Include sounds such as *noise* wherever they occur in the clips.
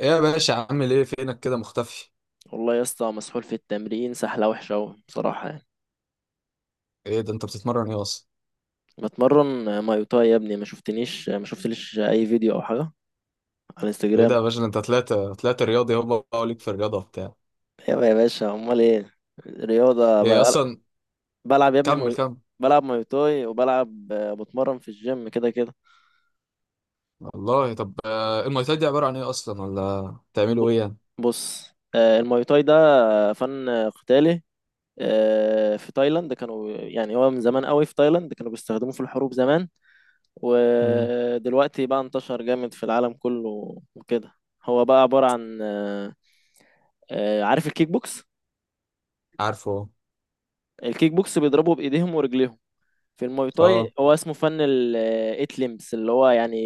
ايه يا باشا، عامل ايه؟ فينك كده مختفي؟ والله يا اسطى، مسحول في التمرين سحلة وحشة أوي بصراحة يعني. ايه ده، انت بتتمرن ايه اصلا؟ بتمرن مايوتاي يا ابني، ما شفتنيش ما شفتليش أي فيديو أو حاجة على ايه ده الانستجرام؟ يا باشا، ده انت طلعت رياضي، هو بقى ليك في الرياضه وبتاع. يابا يا باشا، أمال إيه؟ رياضة. ايه اصلا؟ بلعب يا ابني كمل كمل. بلعب مايوتاي وبلعب، بتمرن في الجيم كده كده. والله طب، المواي تاي دي عباره عن ايه اصلا، ولا ب... بتعملوا ايه يعني؟ بص، المايوتاي ده فن قتالي. في تايلاند كانوا يعني، هو من زمان قوي في تايلاند كانوا بيستخدموه في الحروب زمان. امم. ودلوقتي بقى انتشر جامد في العالم كله وكده. هو بقى عبارة عن، عارف الكيك بوكس؟ عارفه. الكيك بوكس بيضربوا بإيديهم ورجليهم. في الماي تاي اه. هو اسمه فن الايت ليمبس، اللي هو يعني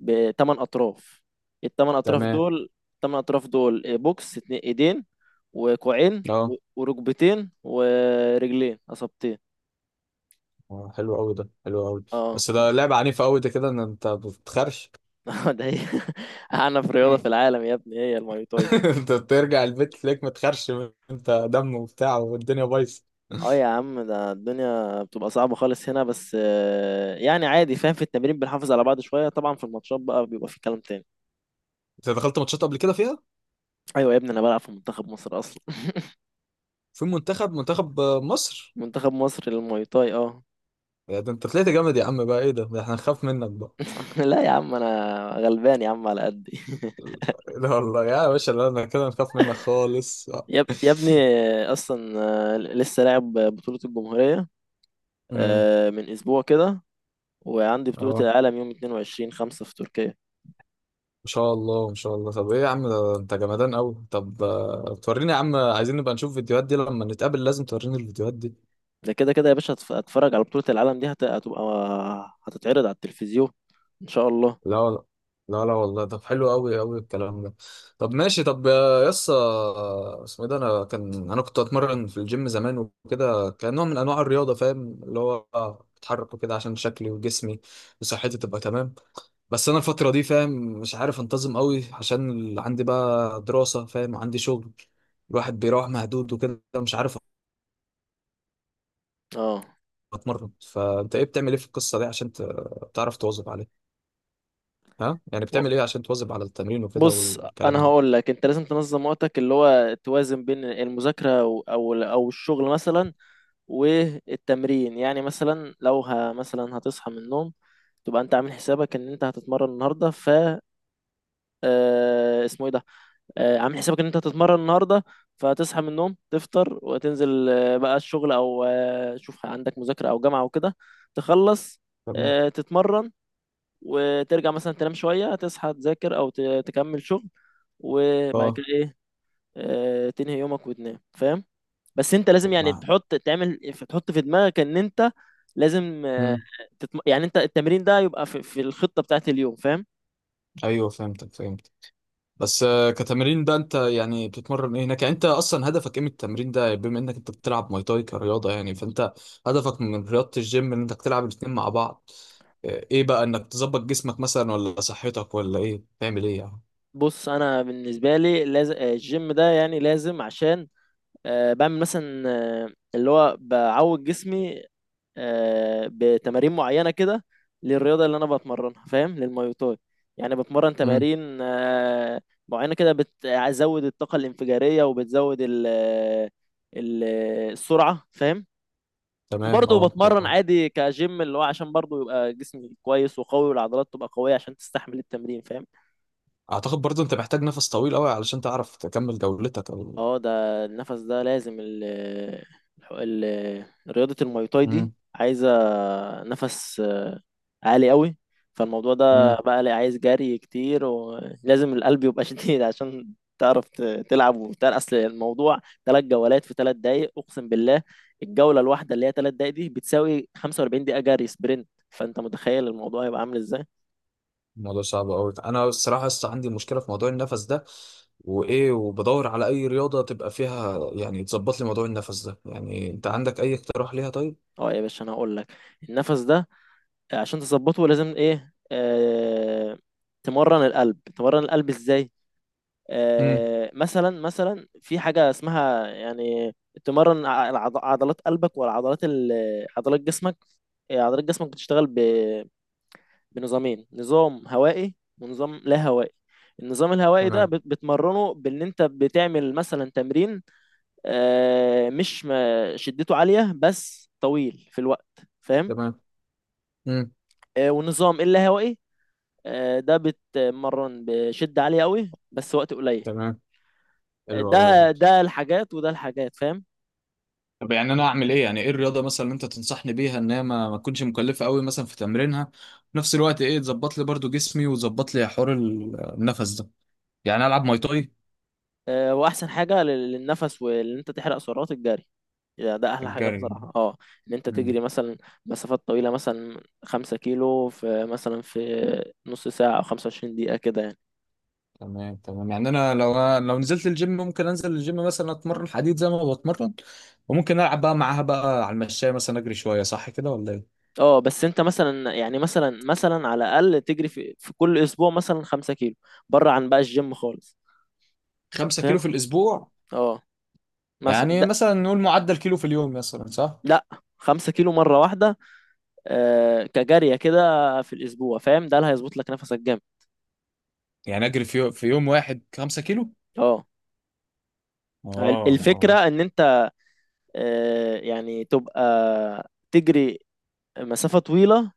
بتمن أطراف. تمام. التمن أطراف دول، بوكس، اتنين إيدين وكوعين اه، وركبتين ورجلين أصابتين. حلو قوي، ده حلو قوي. اه. بس ده لعبه عنيفه قوي، ده كده ان انت بتخرش. *laughs* ده هي أعنف رياضة مم. في العالم يا ابني، هي الماي تاي دي. *laughs* انت بترجع البيت تلاقيك متخرش، انت دم وبتاع والدنيا بايظه. اه يا عم، ده الدنيا بتبقى صعبة خالص هنا بس، يعني عادي، فاهم؟ في التمرين بنحافظ على بعض شوية، طبعا في الماتشات بقى بيبقى في كلام تاني. انت دخلت ماتشات قبل كده فيها؟ ايوه يا ابني، انا بلعب في منتخب مصر اصلا. في منتخب مصر. *laughs* منتخب مصر للمواي تاي، اه. يا ده انت طلعت جامد يا عم، بقى ايه ده احنا هنخاف منك بقى. *laughs* لا يا عم، انا غلبان يا عم، على قدي. *laughs* لا والله يا باشا، لا انا كده هنخاف منك خالص. يا ابني، اصلا لسه لاعب بطولة الجمهورية. امم. من اسبوع كده. وعندي بطولة اه. العالم يوم 22 5 في تركيا. ان شاء الله ان شاء الله. طب ايه يا عم، ده انت جمدان قوي. طب توريني يا عم، عايزين نبقى نشوف فيديوهات دي لما نتقابل، لازم توريني الفيديوهات دي. ده كده كده يا باشا، هتفرج على بطولة العالم دي، هتبقى هتتعرض على التلفزيون ان شاء الله. لا وال- لا لا والله، طب حلو قوي قوي الكلام ده. طب ماشي، طب يا يسا. اسمه ايه ده؟ انا كنت اتمرن في الجيم زمان وكده، كان نوع من انواع الرياضه فاهم، اللي هو اتحرك وكده عشان شكلي وجسمي وصحتي تبقى تمام. بس انا الفتره دي فاهم، مش عارف انتظم قوي عشان عندي بقى دراسه فاهم، عندي شغل. الواحد بيروح مهدود وكده مش عارف اه. اتمرن. فانت ايه بتعمل ايه في القصه دي عشان تعرف تواظب عليها؟ ها يعني و- بتعمل ايه عشان تواظب على التمرين وكده بص، والكلام انا هقول لك، انت لازم تنظم وقتك اللي هو توازن بين المذاكره او الشغل مثلا. والتمرين يعني، مثلا لو مثلا هتصحى من النوم، تبقى انت عامل حسابك ان انت هتتمرن النهارده. اسمه ايه ده؟ عامل حسابك ان انت هتتمرن النهارده. فهتصحى من النوم، تفطر وتنزل بقى الشغل، او شوف عندك مذاكره او جامعه وكده، تخلص ده؟ تتمرن، وترجع مثلا تنام شويه، تصحى تذاكر او تكمل شغل، وبعد اه. كده ايه، تنهي يومك وتنام، فاهم؟ بس انت طب لازم يعني ما. تحط في دماغك ان انت لازم مم. يعني انت التمرين ده يبقى في الخطة بتاعت اليوم، فاهم؟ ايوه فهمتك فهمتك. بس كتمرين بقى، انت يعني بتتمرن ايه هناك؟ يعني انت اصلا هدفك ايه من التمرين ده؟ يعني بما انك انت بتلعب ماي تاي كرياضه، يعني فانت هدفك من رياضه الجيم ان انك تلعب الاتنين مع بعض؟ ايه بقى؟ انك تظبط جسمك مثلا، ولا صحتك، ولا ايه تعمل ايه يعني؟ بص، انا بالنسبة لي لازم الجيم ده يعني لازم، عشان بعمل مثلا آه اللي هو بعود جسمي بتمارين معينة كده، للرياضة اللي أنا بتمرنها، فاهم؟ للماي تاي. يعني بتمرن امم. تمارين معينة كده، بتزود الطاقة الانفجارية وبتزود ال- السرعة، فاهم؟ تمام وبرضه اه بتمرن آه. عادي كجيم، اللي هو عشان برضه يبقى جسمي كويس وقوي، والعضلات تبقى قوية عشان تستحمل التمرين، فاهم؟ اعتقد برضو انت محتاج نفس طويل قوي علشان تعرف تكمل جولتك او. اه، ده النفس ده لازم رياضة الماي تاي دي عايزة نفس عالي قوي. فالموضوع ده امم. بقى لي عايز جري كتير، ولازم القلب يبقى *laughs* شديد عشان تعرف تلعب وبتاع، اصل الموضوع 3 جولات في 3 دقايق اقسم بالله. الجوله الواحده اللي هي 3 دقايق دي بتساوي 45 دقيقه جري سبرنت، فانت متخيل الموضوع يبقى عامل ازاي؟ الموضوع صعب قوي، انا الصراحه لسه عندي مشكله في موضوع النفس ده، وايه وبدور على اي رياضه تبقى فيها يعني تظبط لي موضوع النفس ده. يعني انت عندك اي اقتراح ليها طيب؟ اه يا باشا، انا هقول لك، النفس ده عشان تظبطه لازم ايه، تمرن القلب. تمرن القلب ازاي؟ امم. مثلا في حاجة اسمها يعني، تمرن عضلات قلبك، والعضلات عضلات جسمك. عضلات جسمك بتشتغل بنظامين، نظام هوائي ونظام لا هوائي. النظام الهوائي ده تمام بتمرنه بان انت بتعمل مثلا تمرين مش شدته عالية بس طويل في الوقت، فاهم؟ تمام. امم. والنظام اللا هوائي، ده بتمرن بشدة عالية قوي بس وقت قليل. تمام. حلو ده قوي. ده الحاجات وده الحاجات، فاهم؟ طب يعني انا اعمل ايه؟ يعني ايه الرياضه مثلا اللي انت تنصحني بيها ان هي ما تكونش مكلفه قوي مثلا في تمرينها، في نفس الوقت ايه تظبط لي برضو جسمي وتظبط لي حوار النفس ده؟ يعني العب ماي تاي؟ واحسن حاجه للنفس وان انت تحرق سعرات، الجري يعني ده احلى حاجه الجري. بصراحه، اه. ان انت تجري مثلا مسافات طويله، مثلا 5 كيلو في مثلا في نص ساعه او 25 دقيقه كده يعني. تمام تمام، يعني انا لو نزلت الجيم ممكن انزل الجيم مثلا اتمرن حديد زي ما بتمرن، وممكن العب بقى معاها بقى على المشاية مثلا اجري شوية، صح كده ولا ايه؟ اه، بس انت مثلا يعني مثلا على الاقل تجري في كل اسبوع مثلا 5 كيلو بره عن بقى الجيم خالص، 5 فاهم؟ كيلو في الاسبوع؟ اه. مثلا يعني ده. مثلا نقول معدل كيلو في اليوم مثلا، صح؟ لا، 5 كيلو مره واحده كجاريه كده في الاسبوع، فاهم؟ ده اللي هيظبط لك نفسك جامد. يعني اجري في يوم واحد 5 كيلو؟ اه. اه. الفكره اه. ان انت يعني تبقى تجري مسافة طويلة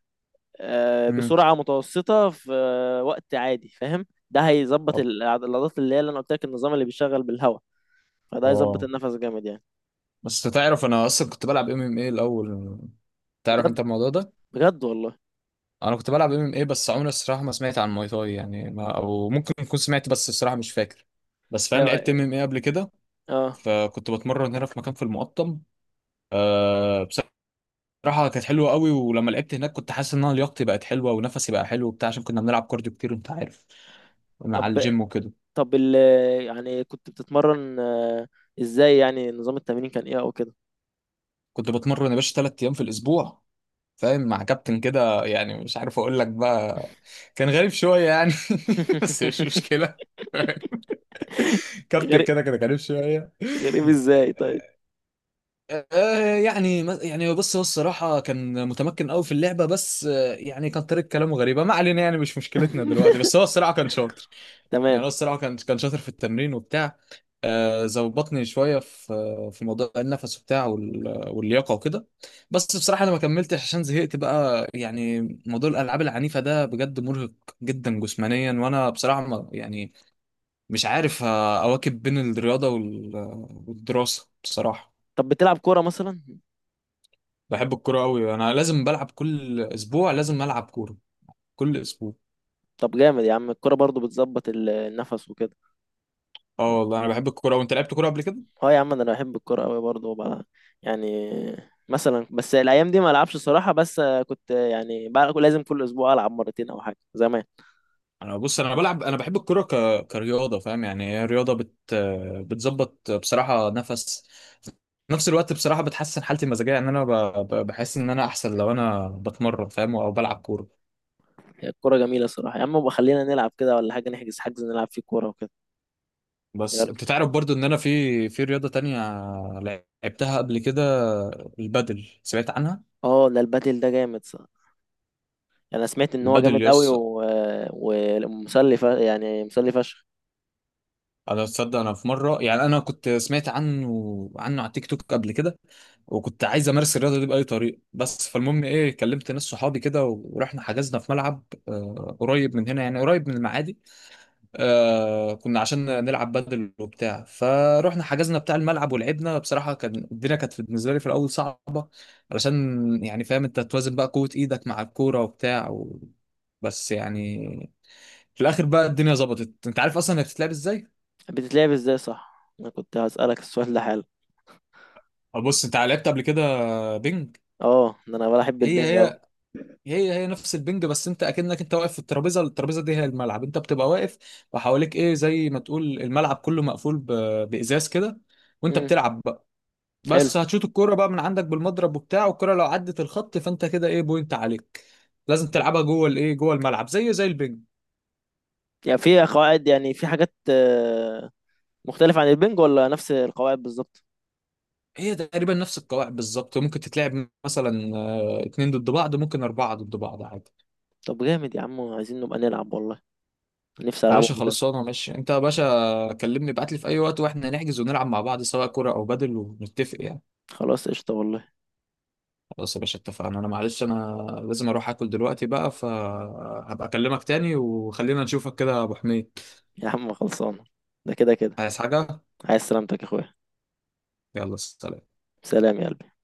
امم. بسرعة متوسطة في وقت عادي، فاهم؟ ده هيظبط طب. العضلات اللي انا قلت لك، النظام اللي بيشتغل بالهواء. فده هيظبط اه. النفس جامد يعني. بس تعرف انا اصلا كنت بلعب MMA الاول، تعرف بجد انت الموضوع ده؟ بجد والله. انا كنت بلعب MMA، بس عمري الصراحه ما سمعت عن ماي تاي، يعني ما او ممكن اكون سمعت بس الصراحه مش فاكر. بس فاهم لعبت اه. MMA قبل كده، آه. فكنت بتمرن هنا في مكان في المقطم. أه. بصراحه كانت حلوه قوي، ولما لعبت هناك كنت حاسس ان انا لياقتي بقت حلوه ونفسي بقى حلو وبتاع، عشان كنا بنلعب كارديو كتير انت عارف، مع طب الجيم وكده. طب يعني كنت بتتمرن ازاي؟ يعني نظام التمرين كان ايه او كده؟ كنت بتمرن يا باشا 3 ايام في الاسبوع فاهم، مع كابتن كده يعني مش عارف اقول لك بقى، كان غريب شويه يعني. *laughs* بس مش *laughs* مشكله. كابتن غريب؟ كده كده كريم شويه. غريب ازاي طيب؟ يعني بص، هو الصراحه كان متمكن قوي في اللعبه، بس يعني كان طريقه كلامه غريبه، ما علينا يعني مش مشكلتنا دلوقتي، بس هو الصراحه كان شاطر. يعني تمام. هو الصراحه كان شاطر في التمرين وبتاع. ظبطني شويه في موضوع النفس وبتاع، واللياقه وكده. بس بصراحه انا ما كملتش عشان زهقت بقى يعني، موضوع الالعاب العنيفه ده بجد مرهق جدا جسمانيا، وانا بصراحه ما يعني مش عارف أواكب بين الرياضة والدراسة بصراحة. طب بتلعب كورة مثلا؟ بحب الكورة أوي، أنا لازم بلعب كل أسبوع، لازم ألعب كورة كل أسبوع. طب جامد يا عم، الكرة برضو بتظبط النفس وكده. اه والله أنا بحب الكورة، وأنت لعبت كورة قبل كده؟ اه يا عم، ده انا بحب الكرة قوي برضو. وبقى يعني مثلا، بس الايام دي ما العبش صراحة. بس كنت يعني بقى لازم كل اسبوع العب مرتين او حاجة زمان. أنا بص، أنا بلعب، أنا بحب الكورة كرياضة فاهم. يعني هي رياضة بتظبط بصراحة نفس، في نفس الوقت بصراحة بتحسن حالتي المزاجية، إن أنا بحس إن أنا أحسن لو أنا بتمرن فاهم، أو بلعب كورة. هي الكرة جميلة صراحة يا عم. بقى خلينا نلعب كده ولا حاجة، نحجز حجز نلعب فيه كورة وكده. يا بس انت ريت. تعرف برضو ان انا في رياضة تانية لعبتها قبل كده، البادل سمعت عنها. اه، ده البادل ده جامد صح. انا سمعت ان هو البادل جامد قوي يس. ومسلي، يعني مسلي فشخ. انا تصدق، انا في مرة يعني انا كنت سمعت عنه على تيك توك قبل كده، وكنت عايز امارس الرياضة دي بأي طريقة. بس فالمهم ايه، كلمت ناس صحابي كده ورحنا حجزنا في ملعب قريب من هنا يعني قريب من المعادي. كنا عشان نلعب بدل وبتاع، فروحنا حجزنا بتاع الملعب ولعبنا، بصراحة كان الدنيا كانت بالنسبة لي في الأول صعبة، علشان يعني فاهم أنت توازن بقى قوة إيدك مع الكورة وبتاع بس يعني في الآخر بقى الدنيا ظبطت. أنت عارف أصلا هي بتتلعب إزاي؟ بتتلعب ازاي؟ صح، انا كنت هسألك السؤال ده حالا. بص أنت لعبت قبل كده بينج؟ اه، ده انا بحب هي البنج اهو. هي، هي هي نفس البنج. بس انت اكنك انت واقف في الترابيزه دي هي الملعب، انت بتبقى واقف وحواليك ايه زي ما تقول الملعب كله مقفول بازاز كده، وانت مم، بتلعب. حلو. بس هتشوط الكوره بقى من عندك بالمضرب وبتاع، والكوره لو عدت الخط فانت كده ايه، بوينت عليك. لازم تلعبها جوه الايه، جوه الملعب زي زي البنج. يعني في قواعد، يعني في حاجات مختلفة عن البنج ولا نفس القواعد بالظبط؟ هي تقريبا نفس القواعد بالظبط، ممكن تتلعب مثلا اتنين ضد بعض، ممكن اربعة ضد بعض عادي. طب جامد يا عم، عايزين نبقى نلعب والله، نفسي يا ألعبهم باشا ده. خلاص انا ماشي، انت يا باشا كلمني ابعت لي في اي وقت واحنا نحجز ونلعب مع بعض سواء كرة او بدل، ونتفق يعني. خلاص قشطة والله. خلاص يا باشا اتفقنا، انا معلش انا لازم اروح اكل دلوقتي بقى، فهبقى اكلمك تاني وخلينا نشوفك كده يا ابو حميد. يا عم خلصانة، ده كده كده. عايز حاجة؟ عايز سلامتك يا أخويا. يلا سلام. سلام يا قلبي.